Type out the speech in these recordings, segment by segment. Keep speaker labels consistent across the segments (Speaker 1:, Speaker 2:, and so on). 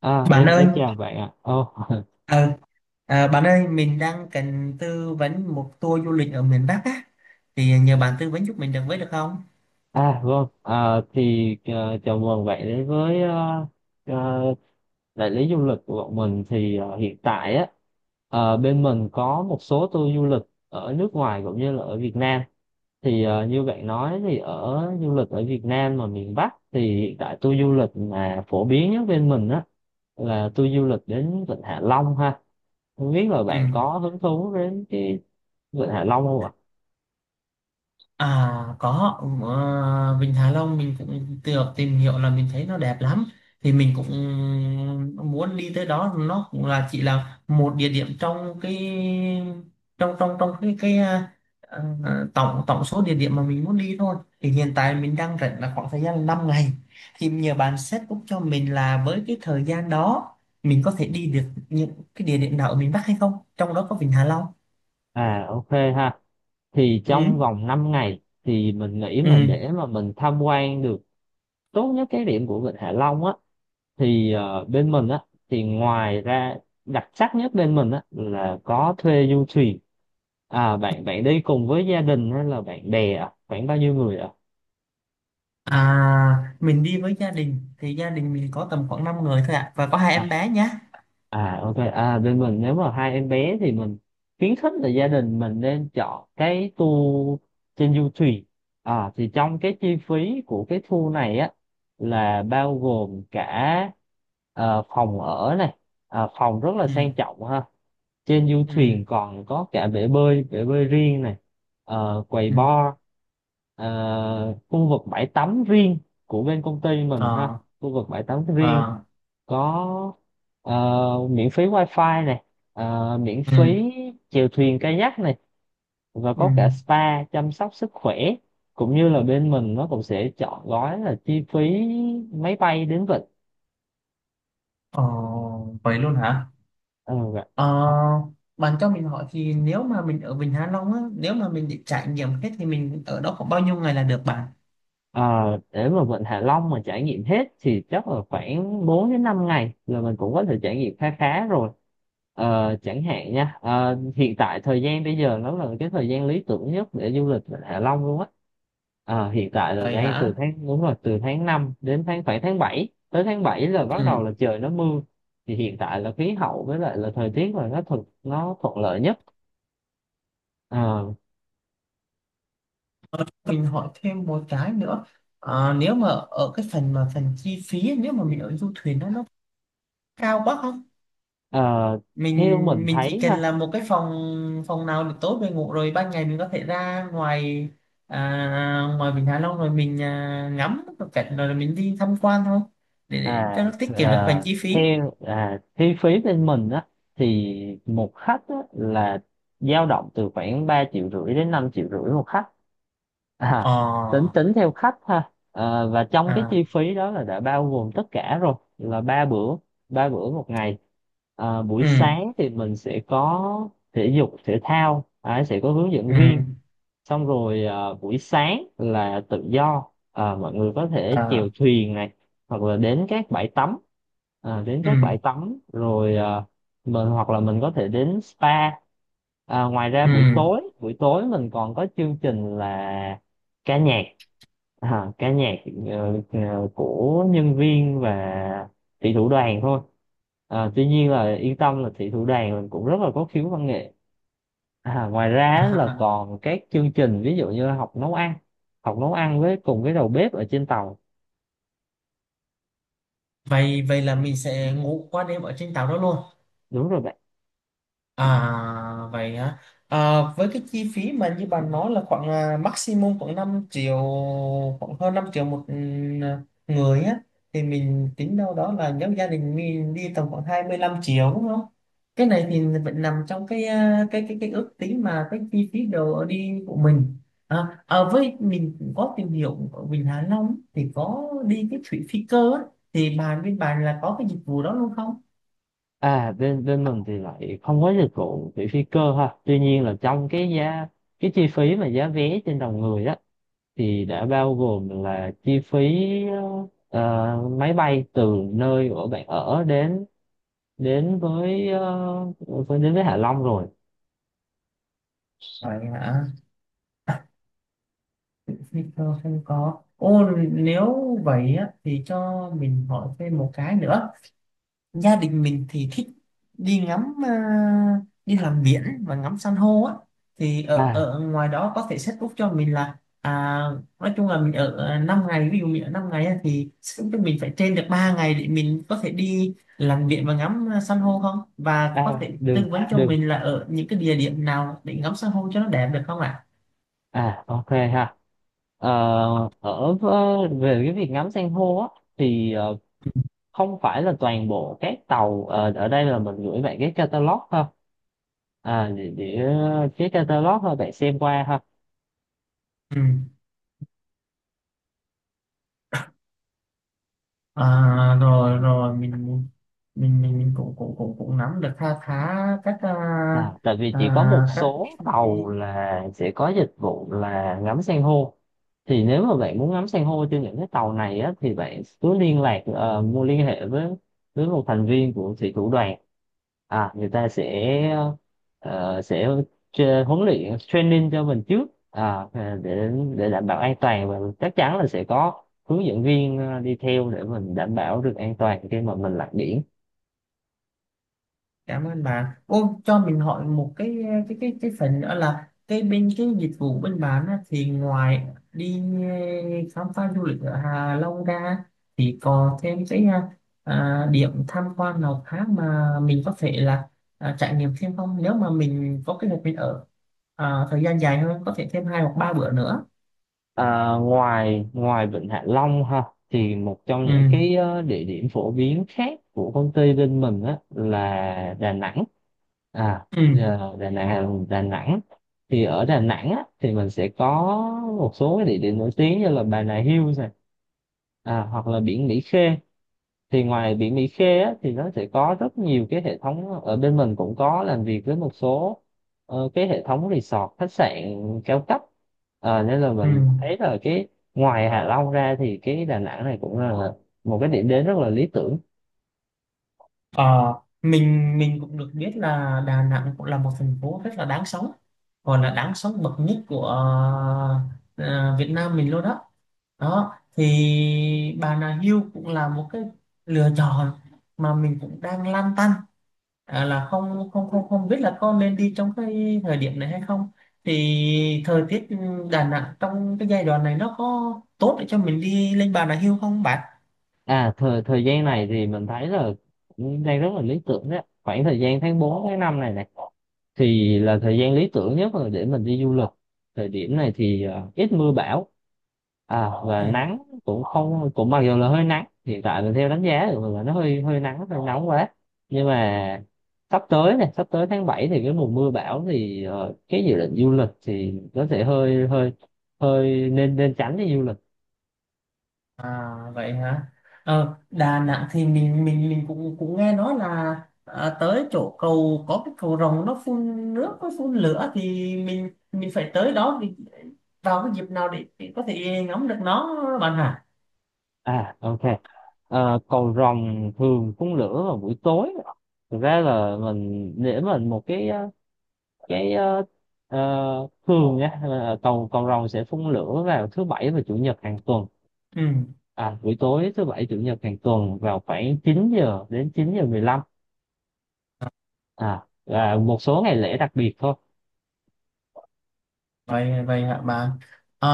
Speaker 1: À,
Speaker 2: Bạn
Speaker 1: em
Speaker 2: ơi,
Speaker 1: em chào bạn ạ. Ồ,
Speaker 2: ờ, bạn ơi, mình đang cần tư vấn một tour du lịch ở miền Bắc á, thì nhờ bạn tư vấn giúp mình được với được không?
Speaker 1: à vâng. À, thì chào mừng bạn đến với ờ, đại lý du lịch của bọn mình. Thì hiện tại á bên mình có một số tour du lịch ở nước ngoài cũng như là ở Việt Nam. Thì như bạn nói thì ở du lịch ở Việt Nam mà miền Bắc thì hiện tại tour du lịch mà phổ biến nhất bên mình á là tour du lịch đến Vịnh Hạ Long ha. Không biết là
Speaker 2: Ừ.
Speaker 1: bạn có hứng thú đến cái Vịnh Hạ Long không ạ?
Speaker 2: À có, Vịnh Hạ Long mình cũng được tìm hiểu là mình thấy nó đẹp lắm, thì mình cũng muốn đi tới đó. Nó cũng là chỉ là một địa điểm trong cái trong trong trong cái tổng tổng số địa điểm mà mình muốn đi thôi. Thì hiện tại mình đang rảnh là khoảng thời gian 5 ngày, thì nhờ bạn set up cho mình là với cái thời gian đó mình có thể đi được những cái địa điểm nào ở miền Bắc hay không, trong đó có Vịnh Hạ Long.
Speaker 1: À ok ha. Thì
Speaker 2: Ừ.
Speaker 1: trong vòng 5 ngày thì mình nghĩ mà
Speaker 2: Ừ.
Speaker 1: để mà mình tham quan được tốt nhất cái điểm của Vịnh Hạ Long á thì bên mình á thì ngoài ra đặc sắc nhất bên mình á là có thuê du thuyền. À bạn bạn đi cùng với gia đình hay là bạn bè à? Khoảng bao nhiêu người ạ?
Speaker 2: À, mình đi với gia đình thì gia đình mình có tầm khoảng 5 người thôi ạ, và có hai em bé nhá.
Speaker 1: À ok, à bên mình nếu mà hai em bé thì mình khuyến khích là gia đình mình nên chọn cái tour trên du thuyền. À thì trong cái chi phí của cái tour này á là bao gồm cả phòng ở này. Phòng rất là
Speaker 2: Ừ.
Speaker 1: sang trọng ha. Trên du
Speaker 2: Ừ.
Speaker 1: thuyền còn có cả bể bơi riêng này, quầy
Speaker 2: Ừ.
Speaker 1: bar, khu vực bãi tắm riêng của bên công ty mình ha,
Speaker 2: Ờ.
Speaker 1: khu vực bãi tắm riêng
Speaker 2: Ờ.
Speaker 1: có miễn phí wifi này, miễn
Speaker 2: Ừ.
Speaker 1: phí chèo thuyền kayak này và
Speaker 2: Ừ.
Speaker 1: có cả spa chăm sóc sức khỏe cũng như là bên mình nó cũng sẽ chọn gói là chi phí máy bay đến vịnh.
Speaker 2: Ờ. Vậy luôn hả?
Speaker 1: Ừ.
Speaker 2: Ờ. Bạn cho mình hỏi thì nếu mà mình ở Vịnh Hạ Long á, nếu mà mình định trải nghiệm hết thì mình ở đó khoảng bao nhiêu ngày là được bạn?
Speaker 1: Ờ, để mà Vịnh Hạ Long mà trải nghiệm hết thì chắc là khoảng 4 đến 5 ngày là mình cũng có thể trải nghiệm khá khá rồi. Chẳng hạn nha, hiện tại thời gian bây giờ nó là cái thời gian lý tưởng nhất để du lịch Vịnh Hạ Long luôn á. Hiện tại là
Speaker 2: Vậy
Speaker 1: đang từ
Speaker 2: hả?
Speaker 1: tháng đúng rồi từ tháng 5 đến khoảng tháng bảy là bắt đầu
Speaker 2: Ừ.
Speaker 1: là trời nó mưa. Thì hiện tại là khí hậu với lại là thời tiết là nó thuận lợi nhất. Ờ,
Speaker 2: Mình hỏi thêm một cái nữa. Ờ, nếu mà ở cái phần mà phần chi phí nếu mà mình ở du thuyền đó nó cao quá không?
Speaker 1: ờ, Theo
Speaker 2: mình
Speaker 1: mình
Speaker 2: mình chỉ
Speaker 1: thấy
Speaker 2: cần
Speaker 1: ha.
Speaker 2: là một cái phòng, phòng nào được tốt về ngủ, rồi ban ngày mình có thể ra ngoài, ngoài Vịnh Hạ Long, rồi mình ngắm một cảnh rồi mình đi tham quan thôi, để cho nó tiết kiệm được phần chi phí.
Speaker 1: Theo chi phí bên mình á thì một khách á, là dao động từ khoảng 3,5 triệu đến 5,5 triệu một khách, à, tính
Speaker 2: Ờ.
Speaker 1: tính theo khách ha. Ờ, và trong cái
Speaker 2: À.
Speaker 1: chi phí đó là đã bao gồm tất cả rồi, là ba bữa một ngày. Ờ, buổi
Speaker 2: Ừ.
Speaker 1: sáng thì mình sẽ có thể dục thể thao, à, sẽ có hướng dẫn viên
Speaker 2: Ừ.
Speaker 1: xong rồi, à, buổi sáng là tự do, à, mọi người có thể chèo
Speaker 2: À.
Speaker 1: thuyền này hoặc là đến các bãi tắm à, đến các
Speaker 2: Ừ.
Speaker 1: bãi tắm rồi, à, mình hoặc là mình có thể đến spa, à, ngoài ra
Speaker 2: Ừ.
Speaker 1: buổi tối mình còn có chương trình là ca nhạc, à, ca nhạc ờ, ờ, của nhân viên và thị thủ đoàn thôi, à, tuy nhiên là yên tâm là thị thủ đoàn mình cũng rất là có khiếu văn nghệ. À, ngoài ra á, là
Speaker 2: à,
Speaker 1: còn các chương trình ví dụ như là học nấu ăn với cùng cái đầu bếp ở trên tàu.
Speaker 2: vậy vậy là mình sẽ ngủ qua đêm ở trên tàu đó luôn.
Speaker 1: Đúng rồi bạn.
Speaker 2: À vậy hả? À, với cái chi phí mà như bạn nói là khoảng maximum khoảng 5 triệu, khoảng hơn 5 triệu một người á, thì mình tính đâu đó là nếu gia đình mình đi tầm khoảng 25 triệu, đúng không? Cái này thì vẫn nằm trong cái ước tính mà cái chi phí đồ ở đi của mình. Với mình cũng có tìm hiểu ở Vịnh Hạ Long thì có đi cái thủy phi cơ á, thì bên bạn là có cái dịch vụ đó luôn không?
Speaker 1: À bên bên mình thì lại không có dịch vụ vị phi cơ ha, tuy nhiên là trong cái chi phí mà giá vé trên đầu người đó thì đã bao gồm là chi phí ờ, máy bay từ nơi của bạn ở đến đến với ờ, với- đến với Hạ Long rồi.
Speaker 2: Vậy hả? Victor không có ô nếu vậy á, thì cho mình hỏi thêm một cái nữa. Gia đình mình thì thích đi ngắm, đi làm biển và ngắm san hô á, thì ở
Speaker 1: à
Speaker 2: ở ngoài đó có thể set up cho mình là, nói chung là mình ở 5 ngày, ví dụ mình ở 5 ngày á, thì set up cho mình phải trên được 3 ngày để mình có thể đi làm biển và ngắm san hô không, và có
Speaker 1: à
Speaker 2: thể tư
Speaker 1: được
Speaker 2: vấn cho
Speaker 1: được.
Speaker 2: mình là ở những cái địa điểm nào để ngắm san hô cho nó đẹp được không ạ?
Speaker 1: À ok ha. Ờ, Về cái việc ngắm san hô á thì không phải là toàn bộ các tàu, ở đây là mình gửi bạn cái catalog ha. À cái catalog thôi bạn xem qua ha.
Speaker 2: Ừ. À, rồi rồi mình cũng cũng cũng cũng nắm được kha khá các
Speaker 1: À, tại vì chỉ có một
Speaker 2: các chi
Speaker 1: số
Speaker 2: phí.
Speaker 1: tàu là sẽ có dịch vụ là ngắm san hô, thì nếu mà bạn muốn ngắm san hô trên những cái tàu này á, thì bạn cứ liên lạc ờ, mua liên hệ với một thành viên của thủy thủ đoàn, à người ta sẽ sẽ huấn luyện training cho mình trước, à, à, để để đảm bảo an toàn và chắc chắn là sẽ có hướng dẫn viên đi theo để mình đảm bảo được an toàn khi mà mình lặn biển.
Speaker 2: Cảm ơn bạn. Ô cho mình hỏi một cái phần nữa là cái bên cái dịch vụ bên bạn á, thì ngoài đi khám phá du lịch ở Hạ Long ra thì còn thêm cái điểm tham quan nào khác mà mình có thể là trải nghiệm thêm không, nếu mà mình có kế hoạch mình ở thời gian dài hơn có thể thêm 2 hoặc 3 bữa nữa.
Speaker 1: À, ngoài ngoài Vịnh Hạ Long ha, thì một trong
Speaker 2: Ừ.
Speaker 1: những cái địa điểm phổ biến khác của công ty bên mình á là Đà Nẵng. À
Speaker 2: Ừ.
Speaker 1: giờ Đà Nẵng, Đà Nẵng. Thì ở Đà Nẵng á thì mình sẽ có một số cái địa điểm nổi tiếng như là Bà Nà Hills này, à, hoặc là biển Mỹ Khê. Thì ngoài biển Mỹ Khê á, thì nó sẽ có rất nhiều cái hệ thống, ở bên mình cũng có làm việc với một số cái hệ thống resort khách sạn cao cấp. Ờ, nên là
Speaker 2: Ừ.
Speaker 1: mình thấy là cái ngoài Hạ Long ra thì cái Đà Nẵng này cũng là một cái điểm đến rất là lý tưởng.
Speaker 2: Ờ, mình cũng được biết là Đà Nẵng cũng là một thành phố rất là đáng sống, còn là đáng sống bậc nhất của ờ, Việt Nam mình luôn đó. Đó thì Bà Nà Hills cũng là một cái lựa chọn mà mình cũng đang lăn tăn, là không không không không biết là có nên đi trong cái thời điểm này hay không, thì thời tiết Đà Nẵng trong cái giai đoạn này nó có tốt để cho mình đi lên Bà Nà Hills không bạn?
Speaker 1: À thời thời gian này thì mình thấy là cũng đang rất là lý tưởng đấy. Khoảng thời gian tháng 4 tháng 5 này này thì là thời gian lý tưởng nhất là để mình đi du lịch. Thời điểm này thì ít mưa bão, à, và
Speaker 2: Ừ.
Speaker 1: nắng cũng không cũng mặc dù là hơi nắng. Hiện tại mình theo đánh giá thì là nó hơi hơi nắng hơi nóng quá. Nhưng mà sắp tới tháng 7 thì cái mùa mưa bão thì cái dự định du lịch thì có thể hơi hơi hơi nên nên tránh đi du lịch.
Speaker 2: À vậy hả? Ờ, Đà Nẵng thì mình cũng cũng nghe nói là, tới chỗ cầu có cái cầu rồng nó phun nước nó phun lửa thì mình phải tới đó, thì vào cái dịp nào để có thể ngắm được nó bạn hả?
Speaker 1: À ok. Ờ, cầu rồng thường phun lửa vào buổi tối. Thực ra là mình để mình một cái thường nhé. Là cầu cầu rồng sẽ phun lửa vào thứ bảy và chủ nhật hàng tuần.
Speaker 2: Ừ.
Speaker 1: À buổi tối thứ bảy chủ nhật hàng tuần vào khoảng 9 giờ đến 9 giờ 15. À và một số ngày lễ đặc biệt thôi.
Speaker 2: vậy vậy hả bạn? à,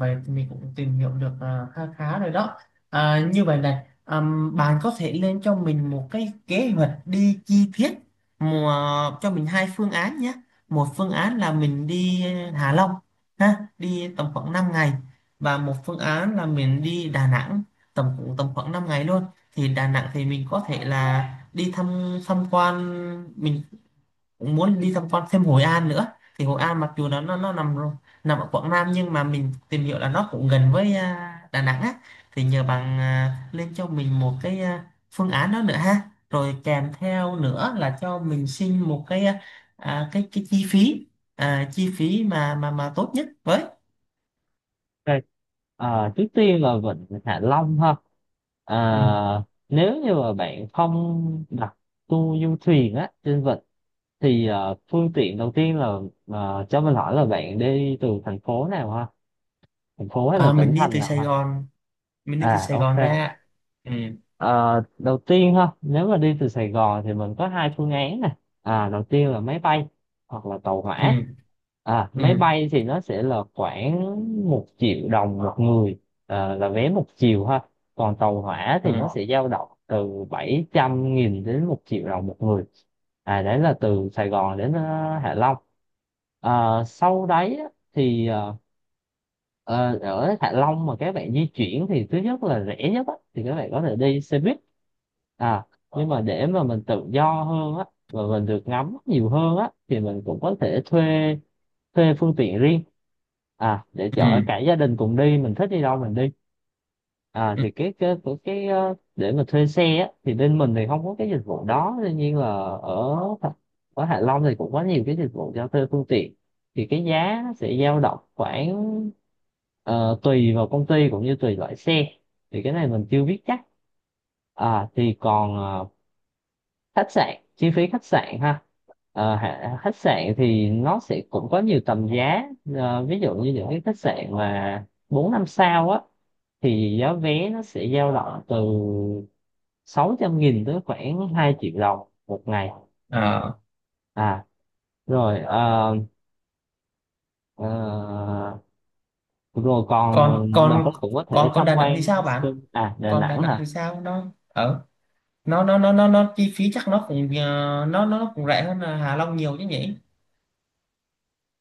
Speaker 2: Vậy thì mình cũng tìm hiểu được khá khá rồi đó. Như vậy này, bạn có thể lên cho mình một cái kế hoạch đi chi tiết mùa cho mình hai phương án nhé. Một phương án là mình đi Hạ Long ha, đi tầm khoảng 5 ngày, và một phương án là mình đi Đà Nẵng, tầm khoảng 5 ngày luôn. Thì Đà Nẵng thì mình có thể là đi tham quan. Mình cũng muốn đi tham quan thêm Hội An nữa, thì Hội An mặc dù nó nằm ở Quảng Nam, nhưng mà mình tìm hiểu là nó cũng gần với Đà Nẵng á, thì nhờ bạn lên cho mình một cái phương án đó nữa ha. Rồi kèm theo nữa là cho mình xin một cái, cái chi phí, chi phí mà tốt nhất với.
Speaker 1: Ok. Ờ, trước tiên là Vịnh Hạ Long ha. À,
Speaker 2: Ừ.
Speaker 1: nếu như mà bạn không đặt tour du thuyền á trên vịnh thì phương tiện đầu tiên là, cho mình hỏi là bạn đi từ thành phố nào ha? Thành phố hay
Speaker 2: à,
Speaker 1: là tỉnh
Speaker 2: mình đi
Speaker 1: thành
Speaker 2: từ
Speaker 1: nào
Speaker 2: Sài
Speaker 1: ha?
Speaker 2: Gòn mình đi từ
Speaker 1: À
Speaker 2: Sài Gòn
Speaker 1: ok.
Speaker 2: ra. Ừ.
Speaker 1: Ờ, đầu tiên ha, nếu mà đi từ Sài Gòn thì mình có hai phương án nè, à đầu tiên là máy bay hoặc là tàu hỏa.
Speaker 2: Ừ.
Speaker 1: À máy
Speaker 2: Ừ.
Speaker 1: bay thì nó sẽ là khoảng 1 triệu đồng một người, là vé một chiều ha, còn tàu hỏa
Speaker 2: Ừ.
Speaker 1: thì nó sẽ dao động từ 700.000 đến 1 triệu đồng một người. À đấy là từ Sài Gòn đến Hạ Long. À, sau đấy á, thì ờ, Ờ, ở Hạ Long mà các bạn di chuyển thì thứ nhất là rẻ nhất á, thì các bạn có thể đi xe buýt, à nhưng mà để mà mình tự do hơn á và mình được ngắm nhiều hơn á thì mình cũng có thể thuê thuê phương tiện riêng, à để
Speaker 2: Ừ,
Speaker 1: chở cả gia đình cùng đi, mình thích đi đâu mình đi. À
Speaker 2: ừ.
Speaker 1: thì cái để mà thuê xe á, thì bên mình thì không có cái dịch vụ đó, tuy nhiên là ở ở Hạ Long thì cũng có nhiều cái dịch vụ cho thuê phương tiện, thì cái giá nó sẽ dao động khoảng, tùy vào công ty cũng như tùy loại xe, thì cái này mình chưa biết chắc. À thì còn khách sạn, chi phí khách sạn ha. Khách sạn thì nó sẽ cũng có nhiều tầm giá. Ờ, ví dụ như những cái khách sạn mà bốn năm sao á thì giá vé nó sẽ dao động từ 600.000 tới khoảng 2 triệu đồng một ngày.
Speaker 2: Ờ,
Speaker 1: À rồi ờ, rồi còn
Speaker 2: còn
Speaker 1: mình có
Speaker 2: còn
Speaker 1: cũng có thể
Speaker 2: còn còn
Speaker 1: tham
Speaker 2: Đà Nẵng
Speaker 1: quan
Speaker 2: thì sao bạn?
Speaker 1: à Đà
Speaker 2: Còn Đà
Speaker 1: Nẵng
Speaker 2: Nẵng
Speaker 1: hả.
Speaker 2: thì sao, nó ở nó chi phí chắc nó cũng nó cũng rẻ hơn là Hạ Long nhiều chứ nhỉ?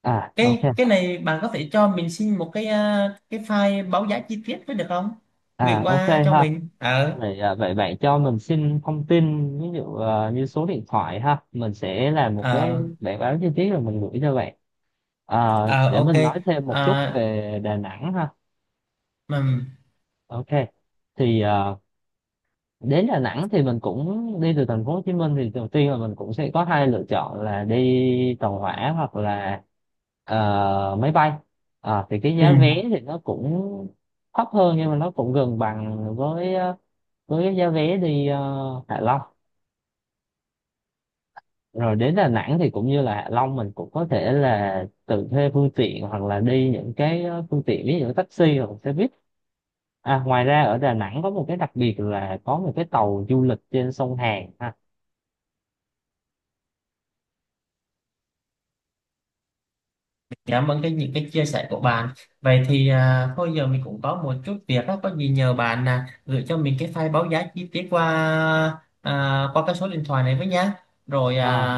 Speaker 1: à ok
Speaker 2: Cái này bạn có thể cho mình xin một cái file báo giá chi tiết với được không? Gửi
Speaker 1: à ok
Speaker 2: qua cho
Speaker 1: ha.
Speaker 2: mình. Ờ.
Speaker 1: Vậy, vậy bạn cho mình xin thông tin ví dụ à, như số điện thoại ha, mình sẽ làm một cái
Speaker 2: Ờ.
Speaker 1: bản báo chi tiết rồi mình gửi cho bạn. À,
Speaker 2: Ờ.
Speaker 1: để
Speaker 2: OK.
Speaker 1: mình nói thêm một chút
Speaker 2: Ờ.
Speaker 1: về Đà Nẵng ha.
Speaker 2: Ừm.
Speaker 1: Ok, thì à, đến Đà Nẵng thì mình cũng đi từ thành phố Hồ Chí Minh thì đầu tiên là mình cũng sẽ có hai lựa chọn là đi tàu hỏa hoặc là máy bay. À, thì cái
Speaker 2: Ừ.
Speaker 1: giá vé thì nó cũng thấp hơn nhưng mà nó cũng gần bằng với với cái giá vé đi Hạ Long. Rồi đến Đà Nẵng thì cũng như là Hạ Long, mình cũng có thể là tự thuê phương tiện hoặc là đi những cái phương tiện ví dụ taxi hoặc xe buýt. À, ngoài ra ở Đà Nẵng có một cái đặc biệt là có một cái tàu du lịch trên sông Hàn ha.
Speaker 2: Cảm ơn cái những cái chia sẻ của bạn. Vậy thì thôi giờ mình cũng có một chút việc đó, có gì nhờ bạn gửi cho mình cái file báo giá chi tiết qua, qua cái số điện thoại này với nhá. Rồi
Speaker 1: À,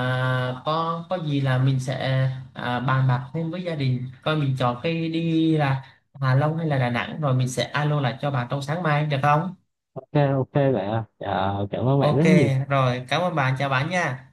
Speaker 2: có gì là mình sẽ bàn bạc thêm với gia đình coi mình chọn cái đi là Hà Long hay là Đà Nẵng, rồi mình sẽ alo lại cho bạn trong sáng mai được không?
Speaker 1: ok, ok vậy à. Ờ, cảm ơn bạn
Speaker 2: OK,
Speaker 1: rất nhiều.
Speaker 2: rồi cảm ơn bạn, chào bạn nha.